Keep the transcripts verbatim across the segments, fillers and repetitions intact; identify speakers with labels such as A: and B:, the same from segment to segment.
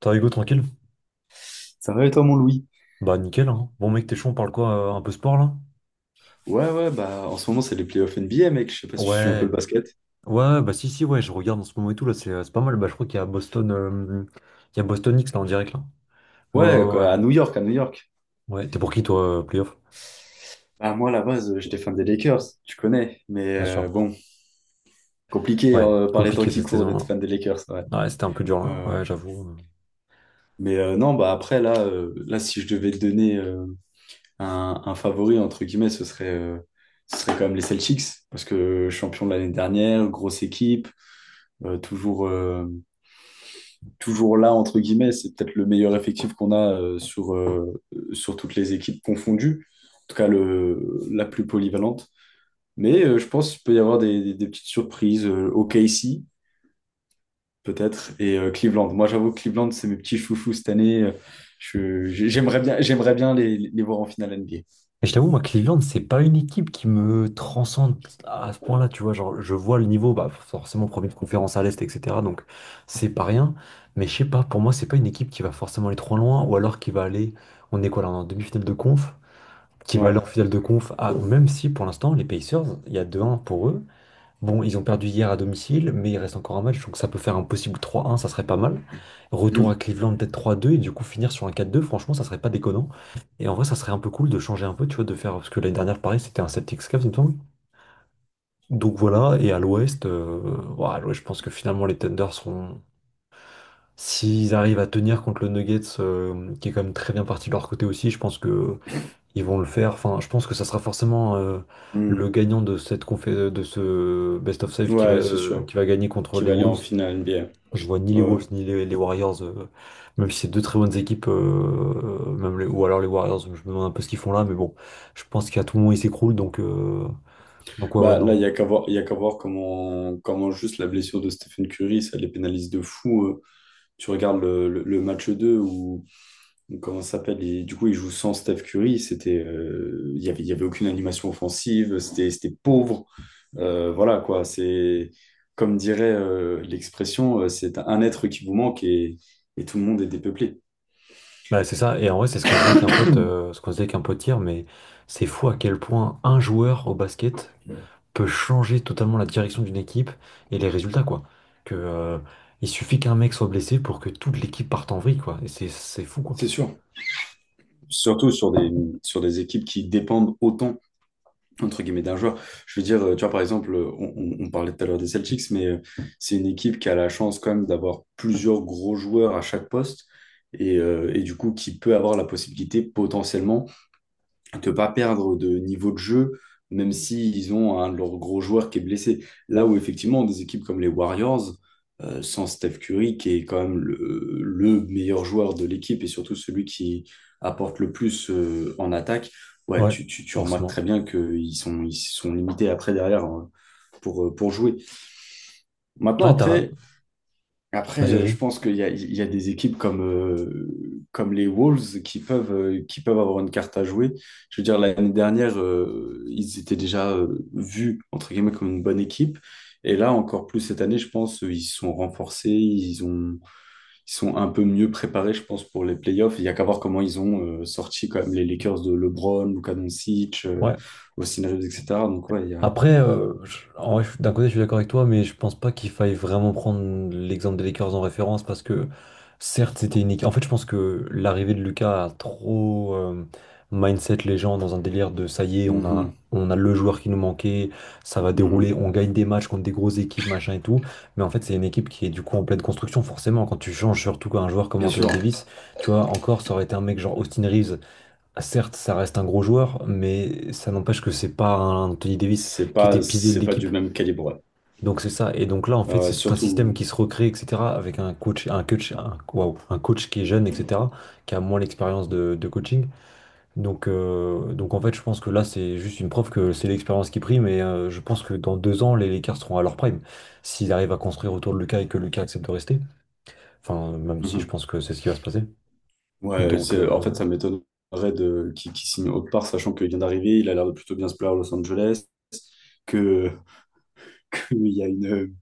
A: T'as Hugo tranquille?
B: Ça va et toi, mon Louis?
A: Bah nickel hein. Bon mec t'es chaud on parle quoi? euh, un peu sport là?
B: Ouais, ouais, bah en ce moment, c'est les playoffs N B A, mec. Je sais pas si tu suis un peu le
A: Ouais.
B: basket.
A: Ouais bah si si ouais je regarde en ce moment et tout là c'est euh, c'est pas mal. Bah je crois qu'il y a Boston euh, il y a Boston X là en direct là. Ouais,
B: Ouais,
A: ouais, ouais.
B: quoi, à New York, à New York.
A: Ouais, t'es pour qui toi euh, playoff?
B: Bah, moi, à la base, euh, j'étais fan des Lakers, tu connais. Mais
A: Bien sûr.
B: euh, bon, compliqué
A: Ouais,
B: euh, par les temps
A: compliqué
B: qui
A: cette
B: courent d'être
A: saison
B: fan des Lakers, ouais.
A: là. Ouais c'était un peu dur
B: Ouais,
A: là,
B: ouais.
A: ouais j'avoue. euh.
B: Mais euh, non, bah après, là, euh, là, si je devais te donner euh, un, un favori, entre guillemets, ce serait, euh, ce serait quand même les Celtics. Parce que champion de l'année dernière, grosse équipe, euh, toujours. euh, toujours là, entre guillemets. C'est peut-être le meilleur effectif qu'on a euh, sur, euh, sur toutes les équipes confondues, en tout cas le, la plus polyvalente. Mais euh, je pense qu'il peut y avoir des, des- des petites surprises. Euh, O K C, peut-être, et euh, Cleveland. Moi, j'avoue que Cleveland, c'est mes petits chouchous cette année. Euh, je- j'aimerais bien, j'aimerais bien les, les voir en finale N B A.
A: Et je t'avoue, moi, Cleveland, c'est pas une équipe qui me transcende à ce point-là, tu vois. Genre, je vois le niveau, bah, forcément, premier de conférence à l'Est, et cetera. Donc, c'est pas rien. Mais je sais pas, pour moi, c'est pas une équipe qui va forcément aller trop loin, ou alors qui va aller, on est quoi là, on est en demi-finale de conf, qui va aller
B: Ouais.
A: en finale de conf, à- même si pour l'instant, les Pacers, il y a deux un pour eux. Bon, ils ont perdu hier à domicile, mais il reste encore un match, donc ça peut faire un possible trois un, ça serait pas mal. Retour
B: Mhm.
A: à Cleveland, peut-être trois deux, et du coup finir sur un quatre à deux, franchement, ça serait pas déconnant. Et en vrai, ça serait un peu cool de changer un peu, tu vois, de faire. Parce que l'année dernière, pareil, c'était un Celtics Cavs, il me semble. Donc voilà, et à l'ouest, euh, ouais, à l'ouest, je pense que finalement, les Thunder seront. S'ils arrivent à tenir contre le Nuggets, euh, qui est quand même très bien parti de leur côté aussi, je pense que ils vont le faire. Enfin, je pense que ça sera forcément euh, le gagnant de cette confé- de ce Best of Save
B: Mhm.
A: qui va,
B: Ouais, c'est
A: euh,
B: sûr.
A: qui va gagner contre
B: qu'il
A: les
B: va aller en
A: Wolves.
B: finale N B A.
A: Je vois ni les
B: Ouais. Ouais.
A: Wolves ni les, les Warriors, euh, même si c'est deux très bonnes équipes, euh, euh, même les- ou alors les Warriors, je me demande un peu ce qu'ils font là, mais bon, je pense qu'à tout moment ils s'écroulent, donc, euh, donc ouais, ouais,
B: Bah, là,
A: non.
B: il n'y a qu'à voir, il y a qu'à voir comment, comment juste la blessure de Stephen Curry, ça les pénalise de fou. euh. Tu regardes le, le- le match deux où, où comment ça s'appelle, il- du coup, il joue sans Steph Curry. C'était, euh, il y avait, il y avait aucune animation offensive, c'était, c'était pauvre. Euh, voilà, quoi. C'est, comme dirait euh, l'expression, euh, c'est un être qui vous manque et, et tout le monde est dépeuplé.
A: Bah, c'est ça, et en vrai, c'est ce qu'on se dit avec un pote, euh, ce qu'on se dit avec un pote hier, mais c'est fou à quel point un joueur au basket peut changer totalement la direction d'une équipe et les résultats, quoi. Que, euh, il suffit qu'un mec soit blessé pour que toute l'équipe parte en vrille, quoi. Et c'est, c'est fou, quoi.
B: C'est sûr. Surtout sur des, sur des équipes qui dépendent autant entre guillemets d'un joueur. Je veux dire, euh, tu vois, par exemple, euh, on, on- on parlait tout à l'heure des Celtics, mais euh, c'est une équipe qui a la chance quand même d'avoir plusieurs gros joueurs à chaque poste et, euh, et du coup qui peut avoir la possibilité potentiellement te pas perdre de niveau de jeu, même s'ils ont un de leurs gros joueurs qui est blessé. Là où effectivement, des équipes comme les Warriors, euh, sans Steph Curry, qui est quand même le, le meilleur joueur de l'équipe et surtout celui qui apporte le plus euh, en attaque, ouais,
A: Ouais,
B: tu, tu, tu remarques
A: forcément.
B: très bien qu'ils sont, ils sont limités après derrière hein, pour, euh, pour jouer. Maintenant,
A: Ouais, t'as...
B: après, après,
A: Vas-y,
B: euh, je
A: vas-y.
B: pense qu'il y a, il y a des équipes comme, euh, comme les Wolves qui peuvent, euh, qui peuvent avoir une carte à jouer. Je veux dire, l'année dernière, euh, ils étaient déjà euh, vus, entre guillemets, comme une bonne équipe. Et là, encore plus cette année, je pense, euh, ils se sont renforcés, ils ont, ils sont un peu mieux préparés, je pense, pour les playoffs. Il y a qu'à voir comment ils ont euh, sorti quand même les Lakers de LeBron, Luka Doncic, euh,
A: Ouais.
B: Austin Reeves, et cetera. Donc, ouais, il y a.
A: Après, euh, je- en vrai, je- d'un côté, je suis d'accord avec toi, mais je pense pas qu'il faille vraiment prendre l'exemple des Lakers en référence parce que, certes, c'était une équipe. En fait, je pense que l'arrivée de Lucas a trop euh, mindset les gens dans un délire de ça y est, on a,
B: Mhm,
A: on a le joueur qui nous manquait, ça va dérouler,
B: mhm.
A: on gagne des matchs contre des grosses équipes, machin et tout. Mais en fait, c'est une équipe qui est du coup en pleine construction, forcément. Quand tu changes surtout un joueur comme
B: Bien
A: Anthony
B: sûr,
A: Davis, tu vois, encore, ça aurait été un mec genre Austin Reeves. Certes, ça reste un gros joueur, mais ça n'empêche que c'est pas un Anthony Davis
B: c'est
A: qui était
B: pas,
A: pilier de
B: c'est pas
A: l'équipe.
B: du même calibre.
A: Donc c'est ça. Et donc là, en fait,
B: Euh,
A: c'est tout un système qui
B: surtout,
A: se recrée, et cetera. Avec un coach, un coach, un, waouh, un coach qui est jeune, et cetera. Qui a moins l'expérience de, de coaching. Donc, euh, donc en fait, je pense que là, c'est juste une preuve que c'est l'expérience qui prime. Et euh, je pense que dans deux ans, les Lakers seront à leur prime. S'ils arrivent à construire autour de Lucas et que Lucas accepte de rester. Enfin, même si je
B: Mhm.
A: pense que c'est ce qui va se passer.
B: Ouais,
A: Donc,
B: c'est, en
A: euh,
B: fait, ça m'étonnerait de, qu'il qu'il signe autre part, sachant qu'il vient d'arriver, il a l'air de plutôt bien se plaire à Los Angeles, que, qu'il y a une,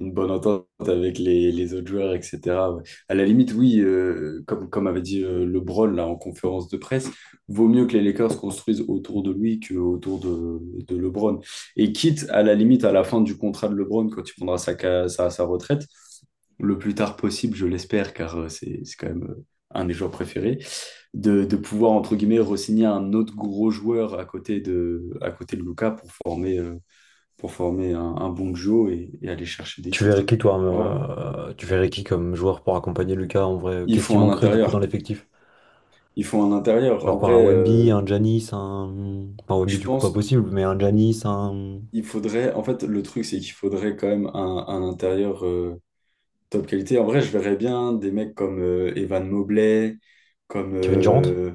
B: une bonne entente avec les, les autres joueurs, et cetera. Ouais. À la limite, oui, euh, comme, comme avait dit euh, LeBron là, en conférence de presse, vaut mieux que les Lakers construisent autour de lui qu'autour de, de LeBron. Et quitte, à la limite, à la fin du contrat de LeBron, quand il prendra sa, ca- sa, sa retraite, le plus tard possible, je l'espère, car euh, c'est c'est quand même euh, un des joueurs préférés, de, de pouvoir, entre guillemets, re-signer un autre gros joueur à côté de, à côté de Luka pour former, euh, pour former un, un bon duo et, et aller chercher des
A: Tu verrais
B: titres.
A: qui, toi,
B: Ouais. Ouais.
A: euh, tu verrais qui comme joueur pour accompagner Lucas en vrai?
B: Il
A: Qu'est-ce qui
B: faut un
A: manquerait du coup dans
B: intérieur.
A: l'effectif?
B: Il faut un intérieur. En
A: Genre quoi,
B: vrai,
A: un Wemby,
B: euh,
A: un Giannis, un. Enfin, Wemby,
B: je
A: du coup, pas
B: pense
A: possible, mais un Giannis, un.
B: il faudrait. En fait, le truc, c'est qu'il faudrait quand même un, un intérieur euh, top qualité. En vrai, je verrais bien des mecs comme euh, Evan Mobley, comme
A: Kevin Durant?
B: euh,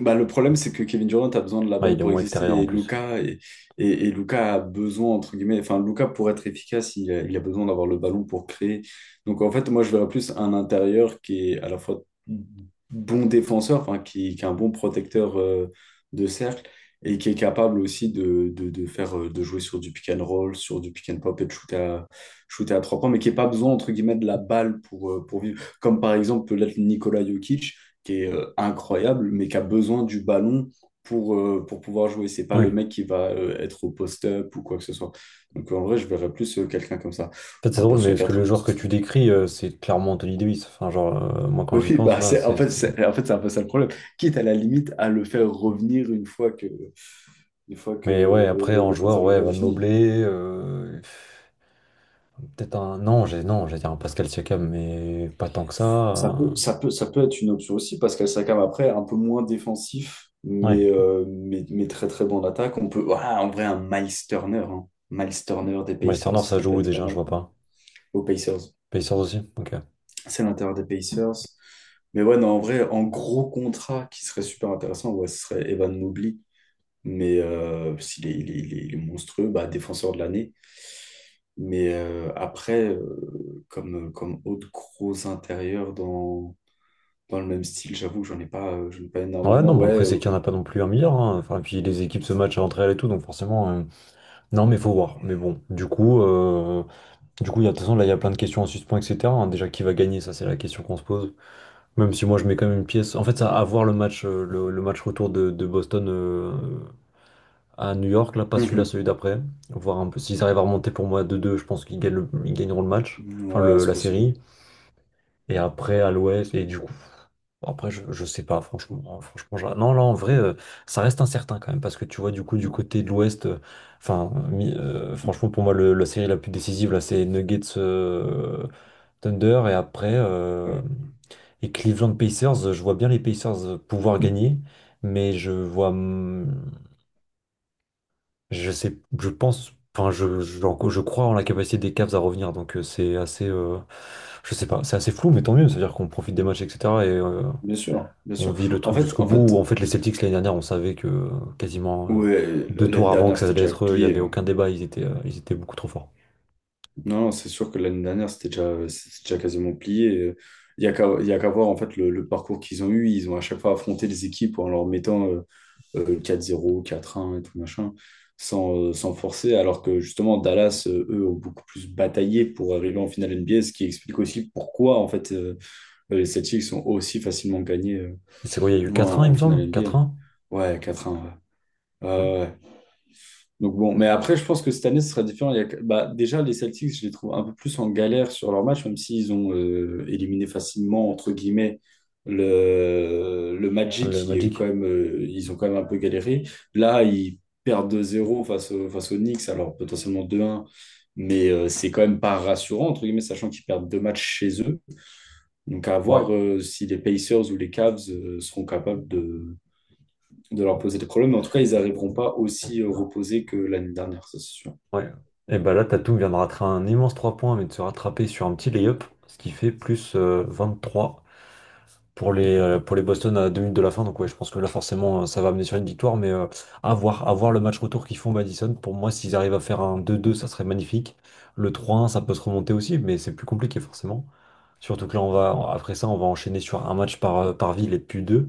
B: Bah, le problème, c'est que Kevin Durant a besoin de la
A: Ouais,
B: balle
A: il est
B: pour
A: moins
B: exister
A: extérieur en
B: et
A: plus.
B: Luka, et, et, et Luka a besoin, entre guillemets, enfin, Luka, pour être efficace, il a, il a besoin d'avoir le ballon pour créer. Donc, en fait, moi, je verrais plus un intérieur qui est à la fois bon défenseur, enfin, qui, qui est un bon protecteur euh, de cercle et qui est capable aussi de, de, de faire, euh, de jouer sur du pick and roll, sur du pick and pop et de shooter à, shooter à trois points, mais qui n'a pas besoin, entre guillemets, de la balle pour, euh, pour vivre. Comme par exemple, peut-être Nikola Jokic qui est euh, incroyable, mais qui a besoin du ballon pour, euh, pour pouvoir jouer. C'est pas
A: Oui.
B: le
A: En
B: mec qui va euh, être au post-up ou quoi que ce soit. Donc en vrai, je verrais plus euh, quelqu'un comme ça.
A: fait, c'est
B: Un
A: drôle, mais
B: poste
A: parce que
B: quatre,
A: le
B: un
A: joueur que
B: poste
A: tu
B: cinq.
A: décris, euh, c'est clairement Anthony Davis. Enfin, genre, euh, moi, quand j'y
B: Oui,
A: pense,
B: bah
A: là,
B: c'est en
A: c'est.
B: fait
A: c'est-
B: c'est en fait c'est un peu ça le problème. Quitte à la limite à le faire revenir une fois que une fois que
A: Mais ouais, après,
B: le,
A: en
B: le
A: joueur,
B: contrat de
A: ouais,
B: LeBron
A: Van
B: est fini.
A: Mobley, euh, peut-être un. Non, j'ai non, j'allais dire un Pascal Siakam, mais pas tant que
B: Ça peut,
A: ça.
B: ça peut, ça peut être une option aussi parce qu'elle s'accame après un peu moins défensif,
A: euh, Ouais.
B: mais, euh, mais, mais très très bon en attaque. On peut, voilà, en vrai, un Miles Turner, hein. Miles Turner des
A: Miles
B: Pacers,
A: Turner, ça
B: ça
A: joue
B: peut
A: où
B: être pas
A: déjà? Je
B: mal.
A: vois pas.
B: Aux Pacers,
A: Pacers aussi, ok.
B: c'est l'intérieur des Pacers. Mais ouais, non, en vrai, en gros contrat qui serait super intéressant, ouais, ce serait Evan Mobley. Mais euh, s'il est, il est, il est- il est monstrueux, bah, défenseur de l'année. Mais euh, après, euh, comme, comme autre gros intérieur dans dans le même style, j'avoue, j'en ai pas, euh, j'en ai pas
A: Ouais,
B: énormément.
A: non, bah
B: Ouais,
A: après,
B: euh,
A: c'est qu'il n'y en a pas non plus un milliard, hein. Enfin, et puis les équipes se matchent entre elles et tout, donc forcément. euh, Non, mais faut voir. Mais bon, du coup, euh, du coup, il y a, de toute façon, là, il y a plein de questions en suspens, et cetera, hein. Déjà, qui va gagner, ça, c'est la question qu'on se pose. Même si moi, je mets quand même une pièce. En fait, ça, à voir le match, euh, le, le match retour de, de Boston euh, à New York, là, pas celui-là,
B: mhm.
A: celui d'après. Voir un peu s'ils arrivent à remonter pour moi à deux, 2 je pense qu'ils gagnent le- ils gagneront le match. Enfin,
B: Ouais,
A: le-
B: c'est
A: la
B: possible.
A: série. Et après, à l'ouest, et du coup, après, je, je sais pas, franchement, hein, franchement, j'a- non, là, en vrai, euh, ça reste incertain quand même, parce que tu vois, du coup, du côté de l'ouest, euh, enfin, mi- euh, franchement, pour moi, le- la série la plus décisive, là, c'est Nuggets euh, Thunder, et après,
B: Ouais.
A: euh,
B: Ouais.
A: et Cleveland Pacers, je vois bien les Pacers pouvoir gagner, mais je vois. Je sais, je pense, enfin, je, je, je crois en la capacité des Cavs à revenir, donc euh, c'est assez, euh, je sais pas, c'est assez flou, mais tant mieux, c'est-à-dire qu'on profite des matchs, et cetera Et euh,
B: Bien sûr, bien
A: on
B: sûr.
A: vit le
B: En
A: truc
B: fait,
A: jusqu'au
B: en fait,
A: bout. En fait, les Celtics l'année dernière, on savait que euh, quasiment euh,
B: ouais,
A: deux
B: l'année
A: tours avant
B: dernière,
A: que ça
B: c'était
A: allait
B: déjà
A: être eux, il y
B: plié.
A: avait
B: hein.
A: aucun débat, ils étaient, euh, ils étaient beaucoup trop forts.
B: Non, non, c'est sûr que l'année dernière, c'était déjà, c'était déjà quasiment plié. Il y a qu'à, il y a qu'à voir en fait le, le parcours qu'ils ont eu. Ils ont à chaque fois affronté les équipes en leur mettant euh, euh, quatre zéro, quatre un et tout machin, sans, euh, sans forcer. Alors que justement, Dallas, euh, eux, ont beaucoup plus bataillé pour arriver en finale N B A, ce qui explique aussi pourquoi en fait. euh, Les Celtics sont aussi facilement gagnés euh,
A: Et C'est quoi, il y a eu
B: en,
A: quatre un, il
B: en
A: me
B: finale
A: semble? Quatre
B: N B A.
A: un.
B: Ouais, quatre un, ouais. Ouais,
A: Hmm.
B: ouais. Ouais. Donc bon, mais après, je pense que cette année, ce sera différent. Il y a- bah, déjà, les Celtics, je les trouve un peu plus en galère sur leur match, même s'ils ont euh, éliminé facilement, entre guillemets, le, le
A: Le
B: Magic. Il y a eu
A: Magic?
B: quand même, euh, ils ont quand même un peu galéré. Là, ils perdent deux zéro face, au- face aux Knicks, alors potentiellement 2 un, Mais euh, c'est quand même pas rassurant, entre guillemets, sachant qu'ils perdent deux matchs chez eux. Donc à
A: Ouais,
B: voir euh, si les Pacers ou les Cavs euh, seront capables de, de leur poser des problèmes. Mais en tout cas, ils n'arriveront pas aussi euh, reposés que l'année dernière, ça c'est sûr.
A: ouais. Et bah là, Tatum vient de rater un immense trois points, mais de se rattraper sur un petit lay-up, ce qui fait plus euh, trois pour les, euh, pour les Boston à deux minutes de la fin. Donc ouais, je pense que là forcément euh, ça va amener sur une victoire, mais euh, à voir, à voir le match retour qu'ils font au Madison. Pour moi, s'ils arrivent à faire un deux à deux, ça serait magnifique. Le trois un, ça peut se remonter aussi, mais c'est plus compliqué forcément. Surtout que là, on va, après ça, on va enchaîner sur un match par, euh, par ville et puis deux.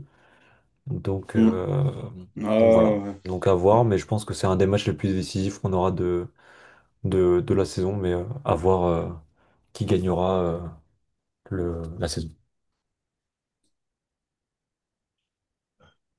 A: Donc,
B: Mm.
A: euh,
B: Ah,
A: donc voilà.
B: ouais.
A: Donc à voir, mais je pense que c'est un des matchs les plus décisifs qu'on aura de, de, de la saison, mais euh, à voir euh, qui gagnera euh, le, la saison.